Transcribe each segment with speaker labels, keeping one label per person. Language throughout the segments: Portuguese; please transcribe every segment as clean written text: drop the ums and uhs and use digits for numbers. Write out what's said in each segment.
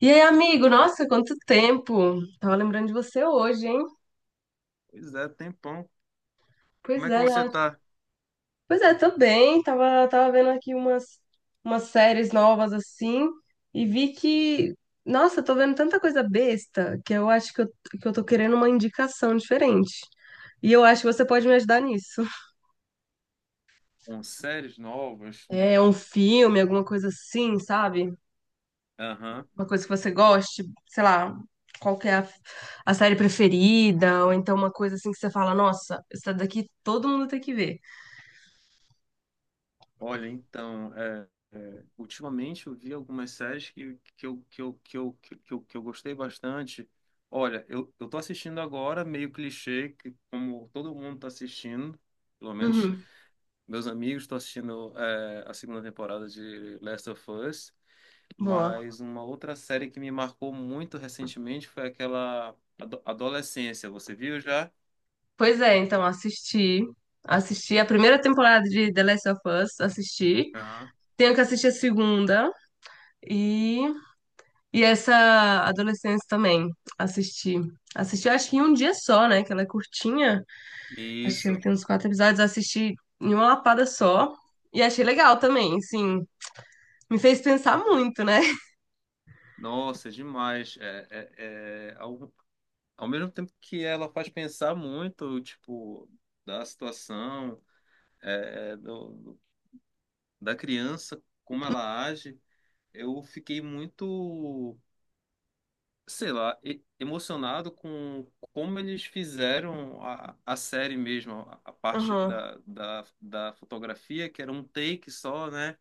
Speaker 1: E aí, amigo? Nossa, quanto tempo! Tava lembrando de você hoje, hein?
Speaker 2: Pois é, tempão.
Speaker 1: Pois
Speaker 2: Como é que
Speaker 1: é,
Speaker 2: você tá?
Speaker 1: pois é, tô bem. Tava vendo aqui umas, umas séries novas assim e vi que, nossa, tô vendo tanta coisa besta que eu acho que eu tô querendo uma indicação diferente. E eu acho que você pode me ajudar nisso.
Speaker 2: Com séries novas?
Speaker 1: É um filme, alguma coisa assim, sabe?
Speaker 2: Aham.
Speaker 1: Uma coisa que você goste, sei lá, qual que é a série preferida, ou então uma coisa assim que você fala, nossa, essa daqui todo mundo tem que ver.
Speaker 2: Olha, então, ultimamente eu vi algumas séries eu, que eu que eu gostei bastante. Olha, eu tô assistindo agora, meio clichê, que como todo mundo tá assistindo, pelo menos
Speaker 1: Uhum,
Speaker 2: meus amigos estão assistindo a segunda temporada de Last of Us,
Speaker 1: boa.
Speaker 2: mas uma outra série que me marcou muito recentemente foi aquela Adolescência. Você viu já?
Speaker 1: Pois é, então assisti. Assisti a primeira temporada de The Last of Us, assisti.
Speaker 2: Aham.
Speaker 1: Tenho que assistir a segunda e, e essa Adolescência também, assisti. Assisti, eu acho que em um dia só, né? Que ela é curtinha. Acho que ela
Speaker 2: Isso.
Speaker 1: tem uns quatro episódios. Assisti em uma lapada só. E achei legal também, sim. Me fez pensar muito, né?
Speaker 2: Nossa, é demais. É, é, ao, ao mesmo tempo que ela faz pensar muito, tipo, da situação, é, é, do, do- da criança, como ela age, eu fiquei muito, sei lá, emocionado com como eles fizeram a série mesmo, a parte
Speaker 1: Aham.
Speaker 2: da fotografia, que era um take só, né?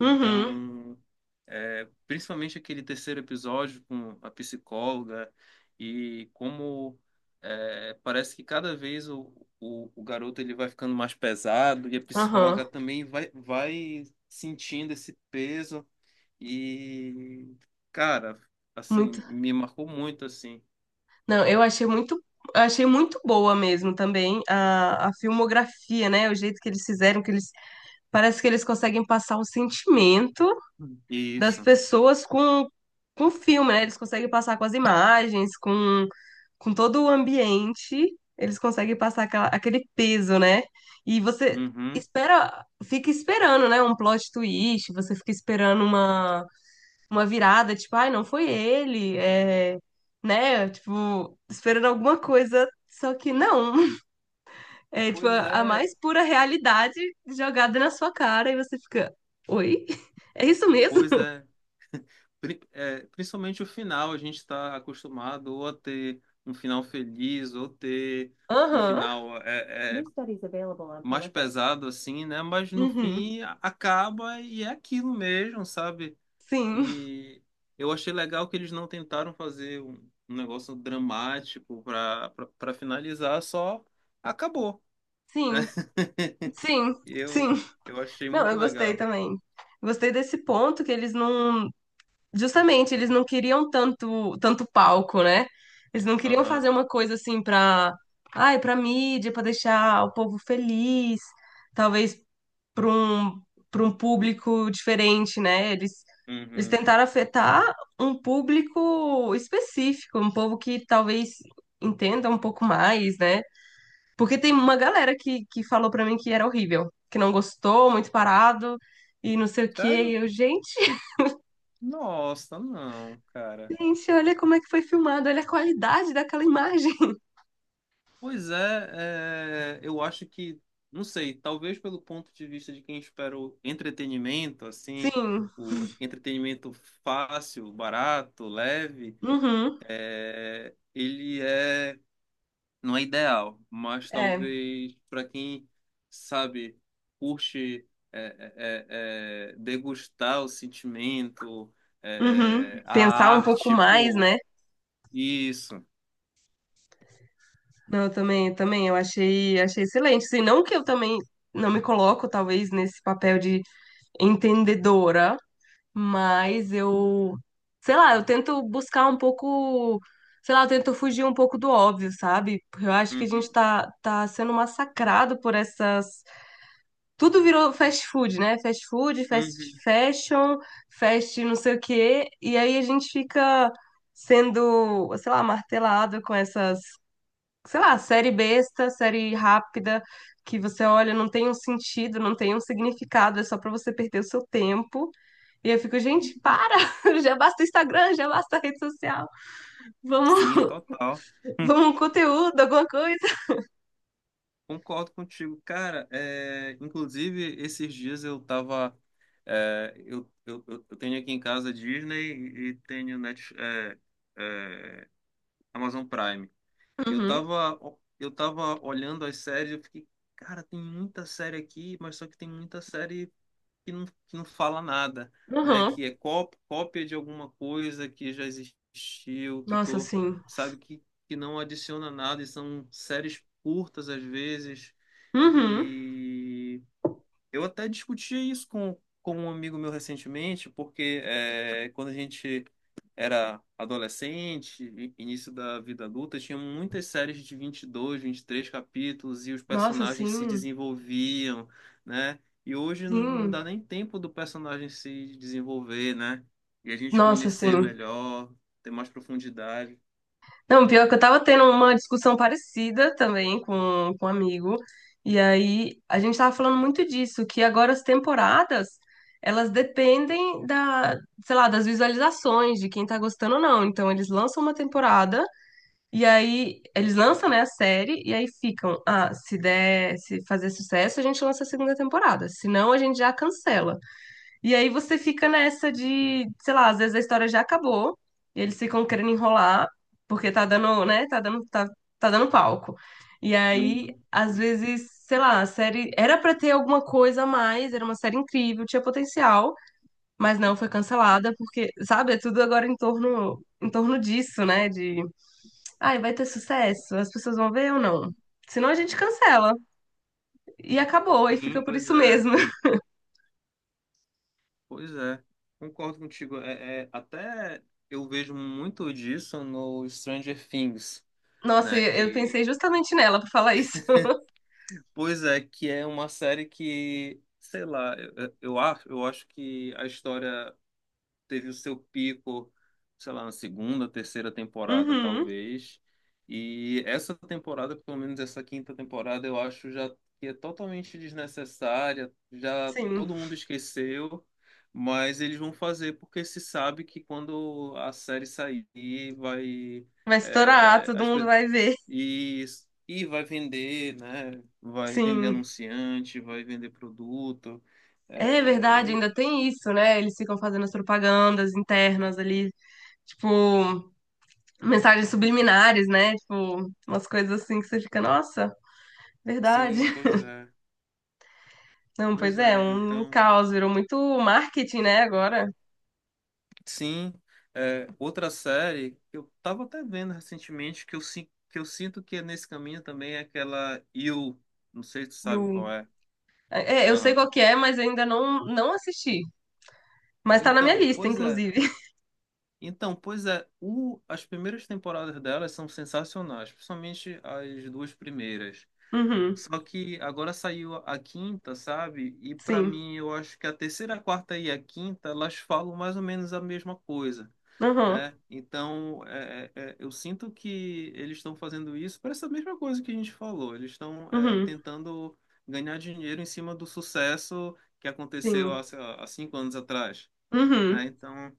Speaker 1: Uhum.
Speaker 2: principalmente aquele terceiro episódio com a psicóloga e como parece que cada vez o garoto ele vai ficando mais pesado e a
Speaker 1: Aham.
Speaker 2: psicóloga também vai sentindo esse peso e, cara,
Speaker 1: Muito.
Speaker 2: assim, me marcou muito, assim,
Speaker 1: Não, eu achei muito boa mesmo também a filmografia, né? O jeito que eles fizeram, que eles parece que eles conseguem passar o sentimento das
Speaker 2: isso.
Speaker 1: pessoas com o filme, né? Eles conseguem passar com as imagens, com todo o ambiente, eles conseguem passar aquele peso, né? E você
Speaker 2: Uhum.
Speaker 1: espera, fica esperando, né? Um plot twist, você fica esperando uma virada, tipo, ai, não foi ele, é, né? Tipo, esperando alguma coisa, só que não. É tipo
Speaker 2: Pois
Speaker 1: a
Speaker 2: é,
Speaker 1: mais pura realidade jogada na sua cara e você fica, oi? É isso mesmo?
Speaker 2: pois é. Principalmente o final, a gente está acostumado ou a ter um final feliz, ou ter um
Speaker 1: Aham.
Speaker 2: final é, New é, studies available on mais politics. Pesado assim, né? Mas no
Speaker 1: Uhum.
Speaker 2: fim acaba e é aquilo mesmo, sabe?
Speaker 1: Sim,
Speaker 2: E eu achei legal que eles não tentaram fazer um negócio dramático para finalizar, só acabou, né?
Speaker 1: sim, sim,
Speaker 2: Eu
Speaker 1: sim.
Speaker 2: eu achei
Speaker 1: Não,
Speaker 2: muito
Speaker 1: eu gostei
Speaker 2: legal.
Speaker 1: também. Gostei desse ponto que eles não, justamente, eles não queriam tanto, tanto palco, né? Eles não queriam fazer
Speaker 2: Aham.
Speaker 1: uma coisa assim pra, ai, pra mídia, pra deixar o povo feliz, talvez pra um, para um público diferente, né? Eles
Speaker 2: Uhum.
Speaker 1: tentaram afetar um público específico, um povo que talvez entenda um pouco mais, né? Porque tem uma galera que falou pra mim que era horrível, que não gostou, muito parado e não sei o quê. E
Speaker 2: Sério?
Speaker 1: eu, gente.
Speaker 2: Nossa, não, cara.
Speaker 1: Gente, olha como é que foi filmado, olha a qualidade daquela imagem.
Speaker 2: Pois é, eu acho que, não sei, talvez pelo ponto de vista de quem espera o entretenimento, assim,
Speaker 1: Sim,
Speaker 2: o entretenimento fácil, barato, leve,
Speaker 1: uhum,
Speaker 2: ele é, não é ideal, mas
Speaker 1: é,
Speaker 2: talvez para quem, sabe, curte é, é, degustar o sentimento,
Speaker 1: uhum.
Speaker 2: a
Speaker 1: Pensar um pouco
Speaker 2: arte,
Speaker 1: mais,
Speaker 2: pô,
Speaker 1: né?
Speaker 2: isso.
Speaker 1: Não, eu também, eu também, eu achei, achei excelente. Assim, não que eu também não me coloco, talvez, nesse papel de entendedora, mas eu, sei lá, eu tento buscar um pouco, sei lá, eu tento fugir um pouco do óbvio, sabe? Porque eu acho que a gente
Speaker 2: Uhum,
Speaker 1: tá, tá sendo massacrado por essas. Tudo virou fast food, né? Fast food, fast
Speaker 2: uhum.
Speaker 1: fashion, fast não sei o quê. E aí a gente fica sendo, sei lá, martelado com essas, sei lá, série besta, série rápida, que você olha, não tem um sentido, não tem um significado, é só pra você perder o seu tempo. E eu fico, gente, para! Já basta o Instagram, já basta a rede social. Vamos,
Speaker 2: Sim, total.
Speaker 1: vamos um conteúdo, alguma coisa.
Speaker 2: Concordo contigo, cara. Inclusive, esses dias eu tava. Eu tenho aqui em casa Disney e tenho Net, é, Amazon Prime. E eu
Speaker 1: Uhum,
Speaker 2: tava, eu tava olhando as séries e eu fiquei, cara, tem muita série aqui, mas só que tem muita série que não fala nada, né?
Speaker 1: uhum.
Speaker 2: Que é cópia, cópia de alguma coisa que já existiu, que
Speaker 1: Nossa,
Speaker 2: tô,
Speaker 1: sim.
Speaker 2: sabe, que não adiciona nada e são séries curtas às vezes
Speaker 1: Uhum.
Speaker 2: e eu até discutia isso com um amigo meu recentemente, porque quando a gente era adolescente, início da vida adulta, tinha muitas séries de 20 22 23 capítulos e os
Speaker 1: Nossa,
Speaker 2: personagens se
Speaker 1: sim.
Speaker 2: desenvolviam, né? E hoje não
Speaker 1: Sim.
Speaker 2: dá nem tempo do personagem se desenvolver, né? E a gente
Speaker 1: Nossa,
Speaker 2: conhecer
Speaker 1: sim.
Speaker 2: melhor, ter mais profundidade.
Speaker 1: Não, pior é que eu tava tendo uma discussão parecida também com um amigo, e aí a gente tava falando muito disso, que agora as temporadas, elas dependem da, sei lá, das visualizações, de quem tá gostando ou não. Então eles lançam uma temporada, e aí eles lançam, né, a série, e aí ficam, ah, se der, se fazer sucesso, a gente lança a segunda temporada, se não a gente já cancela. E aí você fica nessa de, sei lá, às vezes a história já acabou, e eles ficam querendo enrolar, porque tá dando, né? Tá dando, tá, tá dando palco. E aí,
Speaker 2: Uhum.
Speaker 1: às vezes, sei lá, a série era pra ter alguma coisa a mais, era uma série incrível, tinha potencial, mas não foi cancelada, porque, sabe, é tudo agora em torno disso, né? De, ai, vai ter sucesso, as pessoas vão ver ou não? Senão a gente cancela. E acabou, e
Speaker 2: Sim,
Speaker 1: fica por
Speaker 2: pois
Speaker 1: isso
Speaker 2: é.
Speaker 1: mesmo.
Speaker 2: Pois é, concordo contigo. Até eu vejo muito disso no Stranger Things,
Speaker 1: Nossa,
Speaker 2: né?
Speaker 1: eu
Speaker 2: Que,
Speaker 1: pensei justamente nela pra falar isso.
Speaker 2: pois é, que é uma série que, sei lá, eu acho que a história teve o seu pico, sei lá, na segunda, terceira temporada,
Speaker 1: Uhum.
Speaker 2: talvez. E essa temporada, pelo menos essa quinta temporada, eu acho já que é totalmente desnecessária, já
Speaker 1: Sim,
Speaker 2: todo mundo esqueceu, mas eles vão fazer porque se sabe que quando a série sair, vai.
Speaker 1: vai estourar,
Speaker 2: é,
Speaker 1: todo
Speaker 2: as,
Speaker 1: mundo
Speaker 2: pe-
Speaker 1: vai ver.
Speaker 2: e, e vai vender, né? Vai vender
Speaker 1: Sim.
Speaker 2: anunciante, vai vender produto.
Speaker 1: É
Speaker 2: É,
Speaker 1: verdade,
Speaker 2: e
Speaker 1: ainda tem isso, né? Eles ficam fazendo as propagandas internas ali, tipo, mensagens subliminares, né? Tipo, umas coisas assim que você fica, nossa, verdade.
Speaker 2: sim, pois é.
Speaker 1: Não, pois
Speaker 2: Pois
Speaker 1: é,
Speaker 2: é,
Speaker 1: um
Speaker 2: então,
Speaker 1: caos, virou muito marketing, né, agora.
Speaker 2: sim, outra série que eu tava até vendo recentemente que eu sinto que é nesse caminho também é aquela You, não sei se tu
Speaker 1: E o...
Speaker 2: sabe qual é.
Speaker 1: É, eu sei
Speaker 2: Aham.
Speaker 1: qual que é, mas eu ainda não, não assisti. Mas tá na minha
Speaker 2: Então,
Speaker 1: lista,
Speaker 2: pois é.
Speaker 1: inclusive.
Speaker 2: Então, pois é, as primeiras temporadas delas são sensacionais, principalmente as duas primeiras.
Speaker 1: Uhum,
Speaker 2: Só que agora saiu a quinta, sabe? E pra
Speaker 1: sim.
Speaker 2: mim, eu acho que a terceira, a quarta e a quinta, elas falam mais ou menos a mesma coisa.
Speaker 1: Uhum,
Speaker 2: Eu sinto que eles estão fazendo isso para essa mesma coisa que a gente falou. Eles estão
Speaker 1: uhum,
Speaker 2: tentando ganhar dinheiro em cima do sucesso que aconteceu
Speaker 1: sim.
Speaker 2: sei lá, há 5 anos atrás. Né?
Speaker 1: Uhum,
Speaker 2: Então,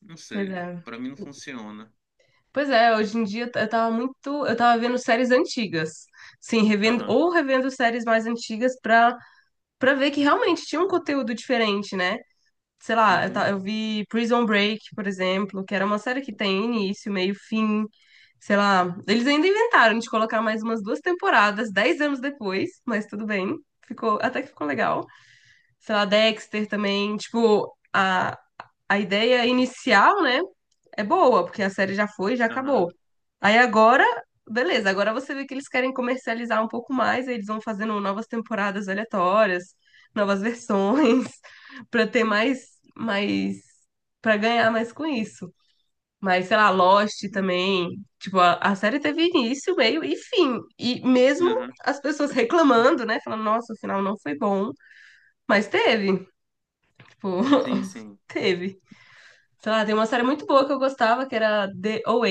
Speaker 2: não
Speaker 1: pois
Speaker 2: sei.
Speaker 1: é.
Speaker 2: Para mim não funciona.
Speaker 1: Pois é, hoje em dia eu tava muito, eu tava vendo séries antigas. Sim, revendo
Speaker 2: Aham.
Speaker 1: ou revendo séries mais antigas pra para ver que realmente tinha um conteúdo diferente, né? Sei lá, eu,
Speaker 2: Uhum.
Speaker 1: eu vi Prison Break, por exemplo, que era uma série que tem início, meio, fim, sei lá. Eles ainda inventaram de colocar mais umas duas temporadas, dez anos depois, mas tudo bem. Ficou, até que ficou legal. Sei lá, Dexter também, tipo, a ideia inicial, né, é boa, porque a série já foi, já acabou.
Speaker 2: Aham.
Speaker 1: Aí agora, beleza, agora você vê que eles querem comercializar um pouco mais, aí eles vão fazendo novas temporadas aleatórias, novas versões, pra ter mais, mais, para ganhar mais com isso. Mas, sei lá, Lost
Speaker 2: Sim.
Speaker 1: também. Tipo, a série teve início, meio e fim. E mesmo
Speaker 2: Aham.
Speaker 1: as pessoas reclamando, né? Falando, nossa, o final não foi bom. Mas teve. Tipo,
Speaker 2: Sim, sim.
Speaker 1: teve. Sei lá, tem uma série muito boa que eu gostava, que era The OA.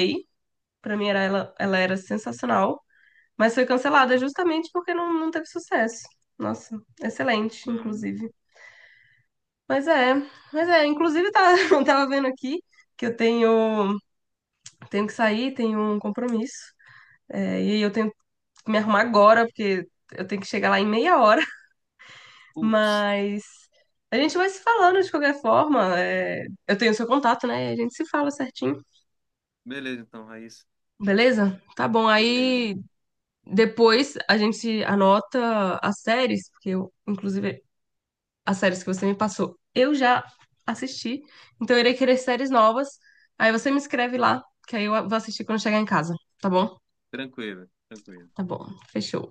Speaker 1: Pra mim era ela, ela era sensacional, mas foi cancelada justamente porque não, não teve sucesso. Nossa, excelente,
Speaker 2: Uhum.
Speaker 1: inclusive. Mas é, mas é, inclusive tá, eu tava vendo aqui que eu tenho, tenho que sair, tenho um compromisso. É, e eu tenho que me arrumar agora, porque eu tenho que chegar lá em meia hora.
Speaker 2: Putz.
Speaker 1: Mas a gente vai se falando de qualquer forma. É, eu tenho o seu contato, né? E a gente se fala certinho.
Speaker 2: Beleza, então, Raíssa.
Speaker 1: Beleza? Tá bom.
Speaker 2: Beleza.
Speaker 1: Aí depois a gente anota as séries, porque eu, inclusive, as séries que você me passou, eu já assisti. Então eu irei querer séries novas. Aí você me escreve lá, que aí eu vou assistir quando chegar em casa. Tá bom?
Speaker 2: Tranquilo, tranquilo.
Speaker 1: Tá bom. Fechou.